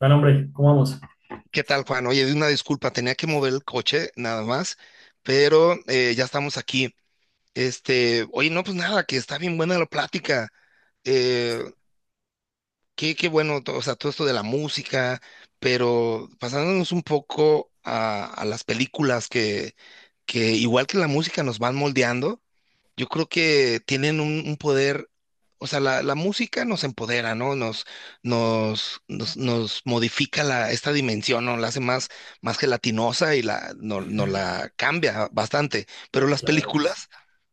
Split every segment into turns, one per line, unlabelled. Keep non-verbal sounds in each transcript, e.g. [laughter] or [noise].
Bueno, hombre, ¿cómo vamos?
¿Qué tal, Juan? Oye, una disculpa, tenía que mover el coche nada más, pero ya estamos aquí. Este, oye, no, pues nada, que está bien buena la plática. Eh, qué bueno, o sea, todo esto de la música, pero pasándonos un poco a las películas que igual que la música nos van moldeando. Yo creo que tienen un poder, o sea, la música nos empodera, ¿no? Nos modifica la, esta dimensión, ¿no? La hace más gelatinosa y la, no, nos la cambia bastante. Pero las
Claro que sí.
películas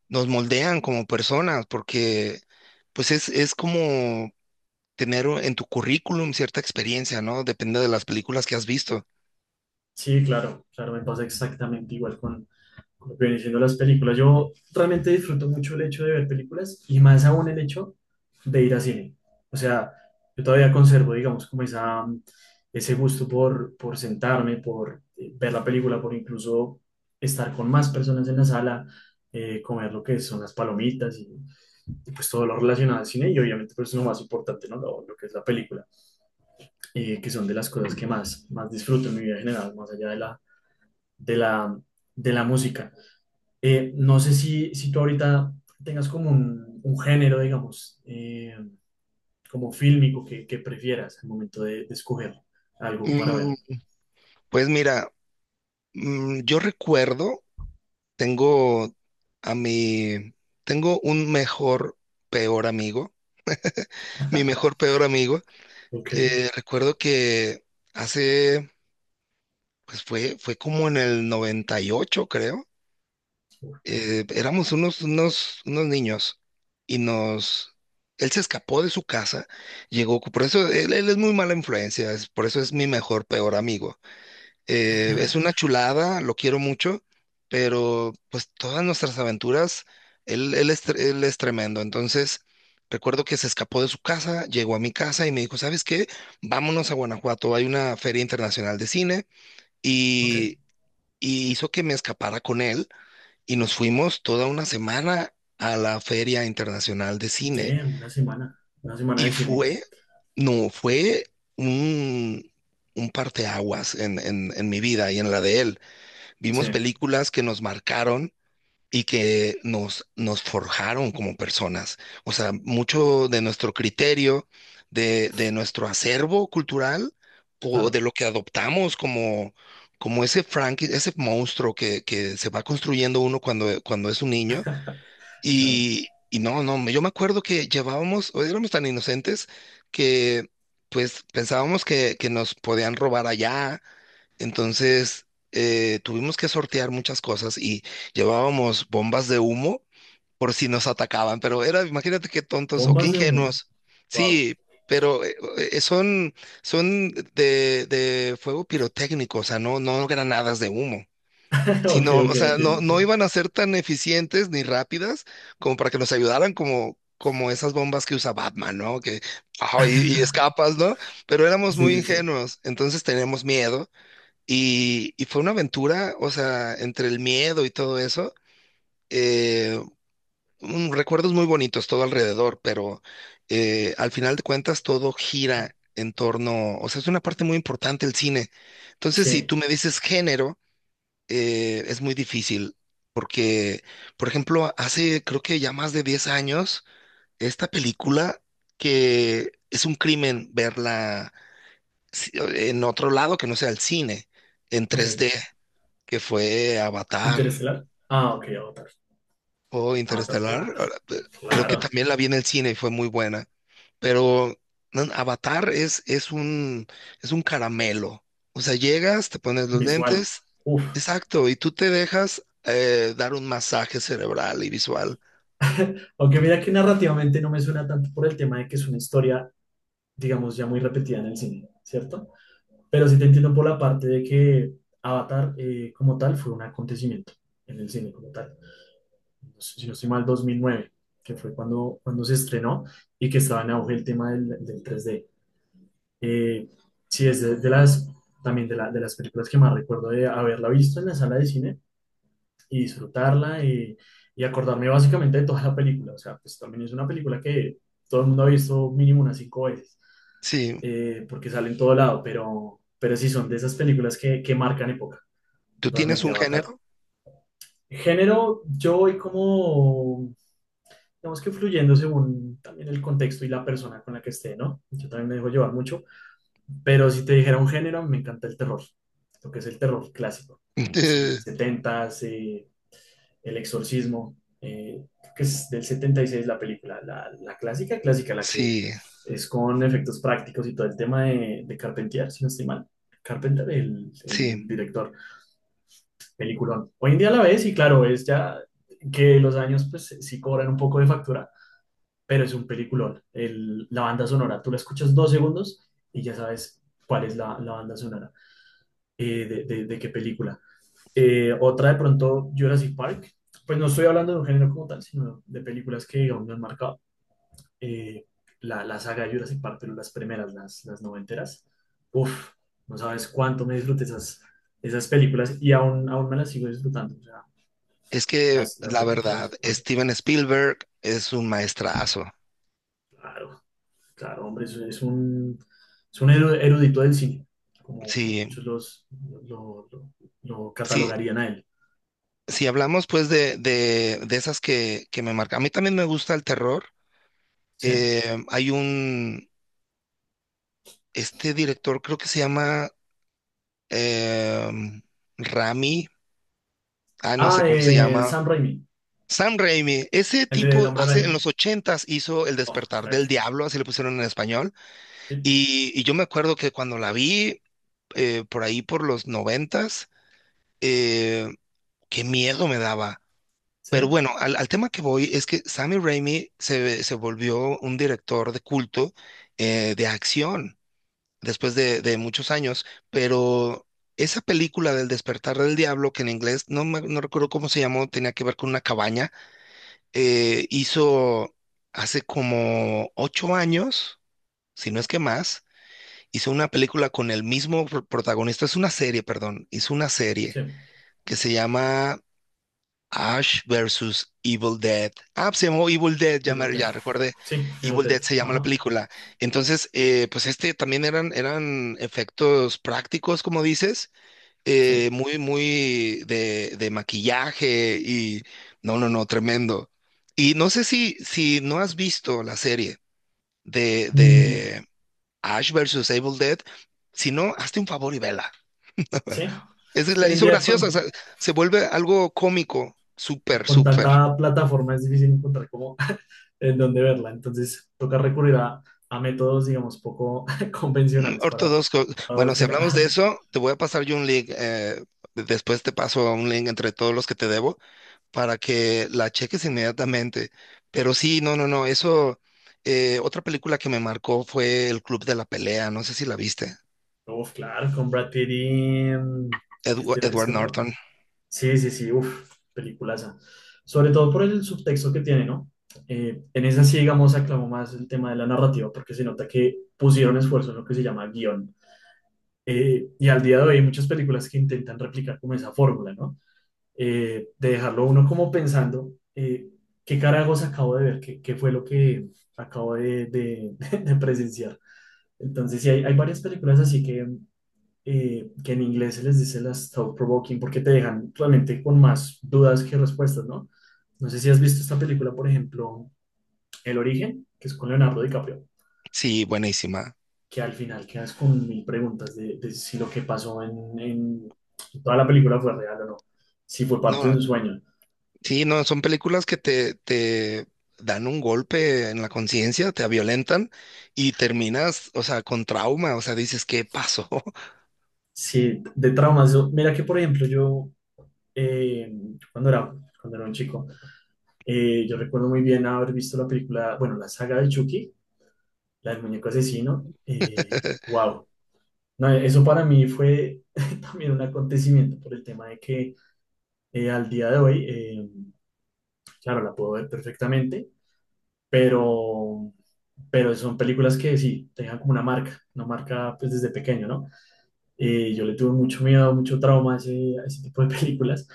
nos moldean como personas porque, pues, es como tener en tu currículum cierta experiencia, ¿no? Depende de las películas que has visto.
Sí, claro, claro, me pasa exactamente igual con lo que vienen siendo las películas. Yo realmente disfruto mucho el hecho de ver películas y más aún el hecho de ir a cine. O sea, yo todavía conservo, digamos, como esa, ese gusto por sentarme, por ver la película, por incluso estar con más personas en la sala, comer lo que son las palomitas y pues todo lo relacionado al cine y obviamente pues lo más importante, ¿no? Lo que es la película. Que son de las cosas que más, más disfruto en mi vida en general, más allá de la, de la, de la música. No sé si, si tú ahorita tengas como un género, digamos, como fílmico que prefieras al momento de escoger algo para
Mm,
ver.
pues mira, yo recuerdo. Tengo a mi, tengo un mejor, peor amigo. Mi mejor, peor amigo.
Ok,
Recuerdo que hace, pues fue como en el 98 creo. Éramos unos niños y él se escapó de su casa, llegó, por eso él es muy mala influencia, por eso es mi mejor, peor amigo. Es una chulada, lo quiero mucho, pero pues todas nuestras aventuras, él es tremendo. Entonces, recuerdo que se escapó de su casa, llegó a mi casa y me dijo, ¿sabes qué? Vámonos a Guanajuato, hay una feria internacional de cine
ok.
y, y hizo que me escapara con él y nos fuimos toda una semana a la feria internacional de cine
Damn, una semana
y
de cine.
fue, no, fue un, un parteaguas en mi vida y en la de él.
Sí,
Vimos películas que nos marcaron y que nos forjaron como personas. O sea, mucho de nuestro criterio, de nuestro acervo cultural, o de
claro,
lo que adoptamos como, como ese Frank, ese monstruo que se va construyendo uno cuando, cuando es un niño.
claro.
Y no, no, yo me acuerdo que llevábamos, o éramos tan inocentes que pues pensábamos que nos podían robar allá. Entonces, tuvimos que sortear muchas cosas y llevábamos bombas de humo por si nos atacaban, pero era, imagínate qué tontos o qué
Bombas de humo.
ingenuos.
Wow.
Sí, pero son de fuego pirotécnico, o sea, no, no granadas de humo.
[laughs] Ok,
Sino,
ok,
o sea,
entiendo,
no, no
entiendo.
iban a ser tan eficientes ni rápidas como para que nos ayudaran como, como esas bombas que usa Batman, ¿no? Que, ah, y escapas, ¿no? Pero éramos
Sí,
muy
sí, sí.
ingenuos, entonces teníamos miedo y fue una aventura, o sea, entre el miedo y todo eso, eh, recuerdos muy bonitos todo alrededor, pero al final de cuentas todo gira en torno, o sea, es una parte muy importante el cine. Entonces, si
Sí,
tú me dices género, es muy difícil, porque, por ejemplo, hace creo que ya más de 10 años, esta película que es un crimen verla en otro lado que no sea el cine, en
ok.
3D, que fue Avatar
Interestelar. Ah, ok, Avatar.
o
Avatar,
Interestelar.
claro,
Ahora, creo que
claro.
también la vi en el cine y fue muy buena, pero no, Avatar es un caramelo. O sea, llegas, te pones los
Visual.
lentes,
Uf.
exacto, y tú te dejas dar un masaje cerebral y visual.
Aunque mira que narrativamente no me suena tanto por el tema de que es una historia, digamos, ya muy repetida en el cine, ¿cierto? Pero sí te entiendo por la parte de que Avatar como tal fue un acontecimiento en el cine como tal. No sé, si no estoy mal, 2009, que fue cuando, cuando se estrenó y que estaba en auge el tema del, del tres d. Eh, sí, es de las, también de, de las películas que más recuerdo de haberla visto en la sala de cine y disfrutarla y acordarme básicamente de toda la película. O sea, pues también es una película que todo el mundo ha visto mínimo unas 5 veces,
Sí,
porque sale en todo lado, pero sí son de esas películas que marcan época,
¿tú tienes
realmente
un
Avatar.
género?
Género, yo voy como, digamos que fluyendo según también el contexto y la persona con la que esté, ¿no? Yo también me dejo llevar mucho, pero si te dijera un género, me encanta el terror, lo que es el terror clásico,
[laughs]
así
Eh,
70s, El Exorcismo, que es del 76 la película, la clásica, clásica, la que
sí,
es con efectos prácticos y todo el tema de Carpentier, si no estoy mal. Carpenter,
sí.
el director, peliculón. Hoy en día la ves y claro, es ya que los años pues sí cobran un poco de factura, pero es un peliculón. El- la banda sonora, tú la escuchas 2 segundos y ya sabes cuál es la, la banda sonora, de, de qué película. Otra de pronto Jurassic Park. Pues no estoy hablando de un género como tal, sino de películas que aún me han marcado. Eh, la, la saga de Jurassic Park, pero las primeras, las noventeras. Uf, no sabes cuánto me disfruté esas, esas películas y aún, aún me las sigo disfrutando. O sea,
Es que
las
la
repito de vez
verdad,
en cuando.
Steven Spielberg es un maestrazo.
Claro, claro, hombre, es un erudito del cine, como, como
Sí,
muchos los, lo, lo
sí,
catalogarían a él.
si hablamos pues de esas que me marcan, a mí también me gusta el terror.
Sí.
Eh, hay un, este director creo que se llama em, Rami, ah, no
Ah,
sé cómo se llama,
Sam Raimi,
Sam Raimi. Ese
el de El
tipo
Hombre
hace, en
Araña.
los ochentas hizo El
Oh,
despertar del
crack.
diablo, así le pusieron en español.
Sí,
Y yo me acuerdo que cuando la vi por ahí por los noventas, eh, qué miedo me daba. Pero
sí,
bueno, al, al tema que voy es que Sammy Raimi se, se volvió un director de culto, de acción, después de muchos años, pero esa película del despertar del diablo, que en inglés no, no recuerdo cómo se llamó, tenía que ver con una cabaña. Hizo hace como ocho años, si no es que más, hizo una película con el mismo protagonista. Es una serie, perdón, hizo una serie
sí.
que se llama Ash versus Evil Dead. Ah, pues se llamó Evil Dead, ya,
Evil Dead.
ya recordé.
Sí, Evil
Evil Dead
Dead.
se llama la
Ajá,
película. Entonces, pues este también eran efectos prácticos, como dices,
sí.
muy de maquillaje y no, no, no, tremendo. Y no sé si, si no has visto la serie
Mm,
de Ash versus Evil Dead, si no,
no.
hazte un favor y vela. [laughs]
Sí,
Es,
es que
la
hoy en
hizo
día
graciosa, o sea, se vuelve algo cómico, súper,
con
súper.
tanta plataforma es difícil encontrar cómo [laughs] en dónde verla. Entonces, toca recurrir a métodos, digamos, poco [laughs] convencionales
Ortodoxo.
para
Bueno, si
buscar.
hablamos de
[laughs]
eso, te voy a pasar yo un link. Después te paso un link entre todos los que te debo para que la cheques inmediatamente. Pero sí, no, no, no. Eso, otra película que me marcó fue El Club de la Pelea. No sé si la viste.
Uf, claro, con Brad Pitt y, mm, y este,
Edward
ese otro.
Norton.
Sí, sí, sí, uff, peliculaza. Sobre todo por el subtexto que tiene, ¿no? En esa sí, digamos, aclamó más el tema de la narrativa porque se nota que pusieron esfuerzo en lo que se llama guión. Y al día de hoy hay muchas películas que intentan replicar como esa fórmula, ¿no? De dejarlo uno como pensando, ¿qué carajos acabo de ver? ¿Qué, qué fue lo que acabo de, [laughs] de presenciar? Entonces, sí, hay varias películas así que en inglés se les dice las thought-provoking porque te dejan realmente con más dudas que respuestas, ¿no? No sé si has visto esta película, por ejemplo, El Origen, que es con Leonardo DiCaprio,
Sí, buenísima.
que al final quedas con mil preguntas de si lo que pasó en toda la película fue real o no, si fue
No,
parte de
no,
un sueño,
sí, no, son películas que te dan un golpe en la conciencia, te violentan y terminas, o sea, con trauma. O sea, dices, ¿qué pasó?
si de traumas. Yo- mira que, por ejemplo, yo eh, cuando era, cuando era un chico, yo recuerdo muy bien haber visto la película, bueno, la saga de Chucky, la del muñeco asesino.
[laughs]
Wow, no, eso para mí fue [laughs] también un acontecimiento por el tema de que al día de hoy, claro, la puedo ver perfectamente, pero, pero son películas que sí, te dejan como una marca pues desde pequeño, ¿no? Yo le tuve mucho miedo, mucho trauma a ese tipo de [laughs] películas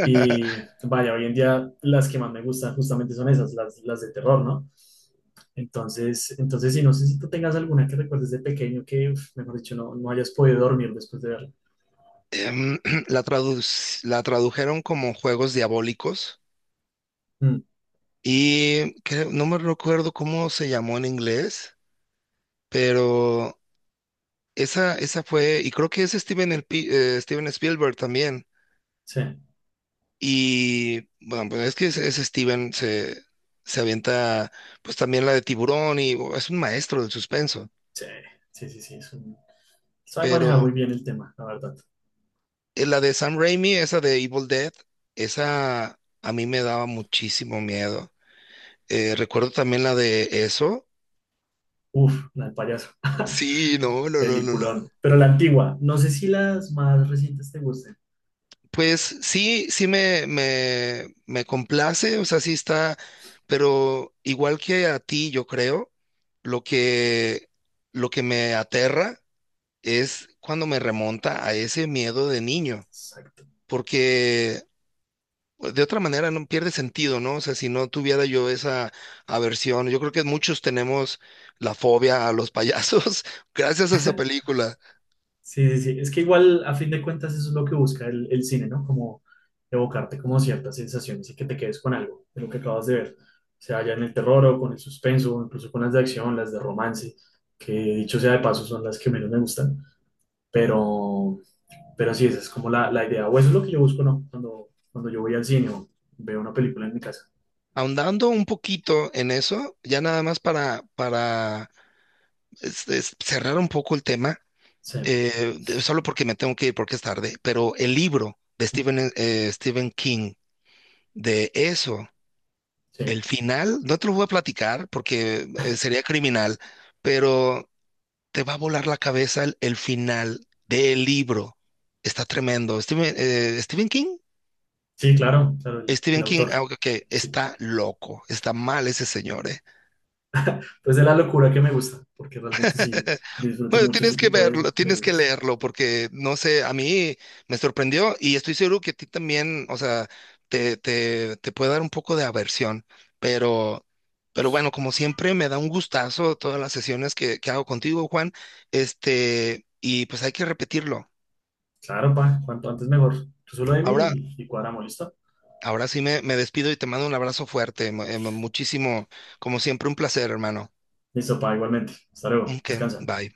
y vaya, hoy en día las que más me gustan justamente son esas, las de terror, ¿no? Entonces, entonces sí, no sé si tú tengas alguna que recuerdes de pequeño que, uf, mejor dicho, no, no hayas podido dormir después de verla.
em, [clears throat] la tradu la tradujeron como Juegos Diabólicos y no me recuerdo cómo se llamó en inglés, pero esa fue, y creo que es Steven, el Steven Spielberg también.
Sí,
Y bueno, pues es que ese Steven se avienta pues también la de Tiburón y oh, es un maestro del suspenso,
sí, sí, sí, sí. Es un- sabe manejar
pero
muy bien el tema, la verdad.
la de Sam Raimi, esa de Evil Dead, esa a mí me daba muchísimo miedo. Recuerdo también la de eso.
Uf, la del payaso. [laughs]
Sí, no, no, no, no,
Peliculón.
no.
Pero la antigua, no sé si las más recientes te gusten.
Pues sí, me complace, o sea, sí está, pero igual que a ti, yo creo, lo que, lo que me aterra es cuando me remonta a ese miedo de niño,
Exacto.
porque pues, de otra manera no pierde sentido, ¿no? O sea, si no tuviera yo esa aversión, yo creo que muchos tenemos la fobia a los payasos [laughs] gracias a esa película.
Sí, sí, sí. Es que igual, a fin de cuentas, eso es lo que busca el cine, ¿no? Como evocarte como ciertas sensaciones y que te quedes con algo de lo que acabas de ver. O sea ya en el terror o con el suspenso, o incluso con las de acción, las de romance, que dicho sea de paso son las que menos me gustan. Pero, pero sí, esa es como la idea. O eso es lo que yo busco, ¿no? Cuando, cuando yo voy al cine o veo una película en mi casa.
Ahondando un poquito en eso, ya nada más para cerrar un poco el tema,
Sí,
solo porque me tengo que ir porque es tarde, pero el libro de Stephen King, de eso,
sí.
el final, no te lo voy a platicar porque
[laughs]
sería criminal, pero te va a volar la cabeza el final del libro. Está tremendo. Stephen King,
Sí, claro, claro, el
Stephen King, ah,
autor.
ok, ok,
Sí.
está loco, está mal ese señor, ¿eh?
Pues de la locura que me gusta, porque realmente sí
[laughs]
disfruto
Bueno,
mucho
tienes
ese
que
tipo
verlo,
de
tienes que
libros.
leerlo, porque no sé, a mí me sorprendió y estoy seguro que a ti también, o sea, te puede dar un poco de aversión, pero, pero bueno, como siempre, me da un gustazo todas las sesiones que hago contigo, Juan, este, y pues hay que repetirlo.
Claro, pa, cuanto antes mejor. Tú solo dime
Ahora,
y cuadramos, ¿listo?
ahora sí me despido y te mando un abrazo fuerte, muchísimo, como siempre, un placer, hermano.
Listo, pa, igualmente. Hasta luego,
Ok,
descansa.
bye.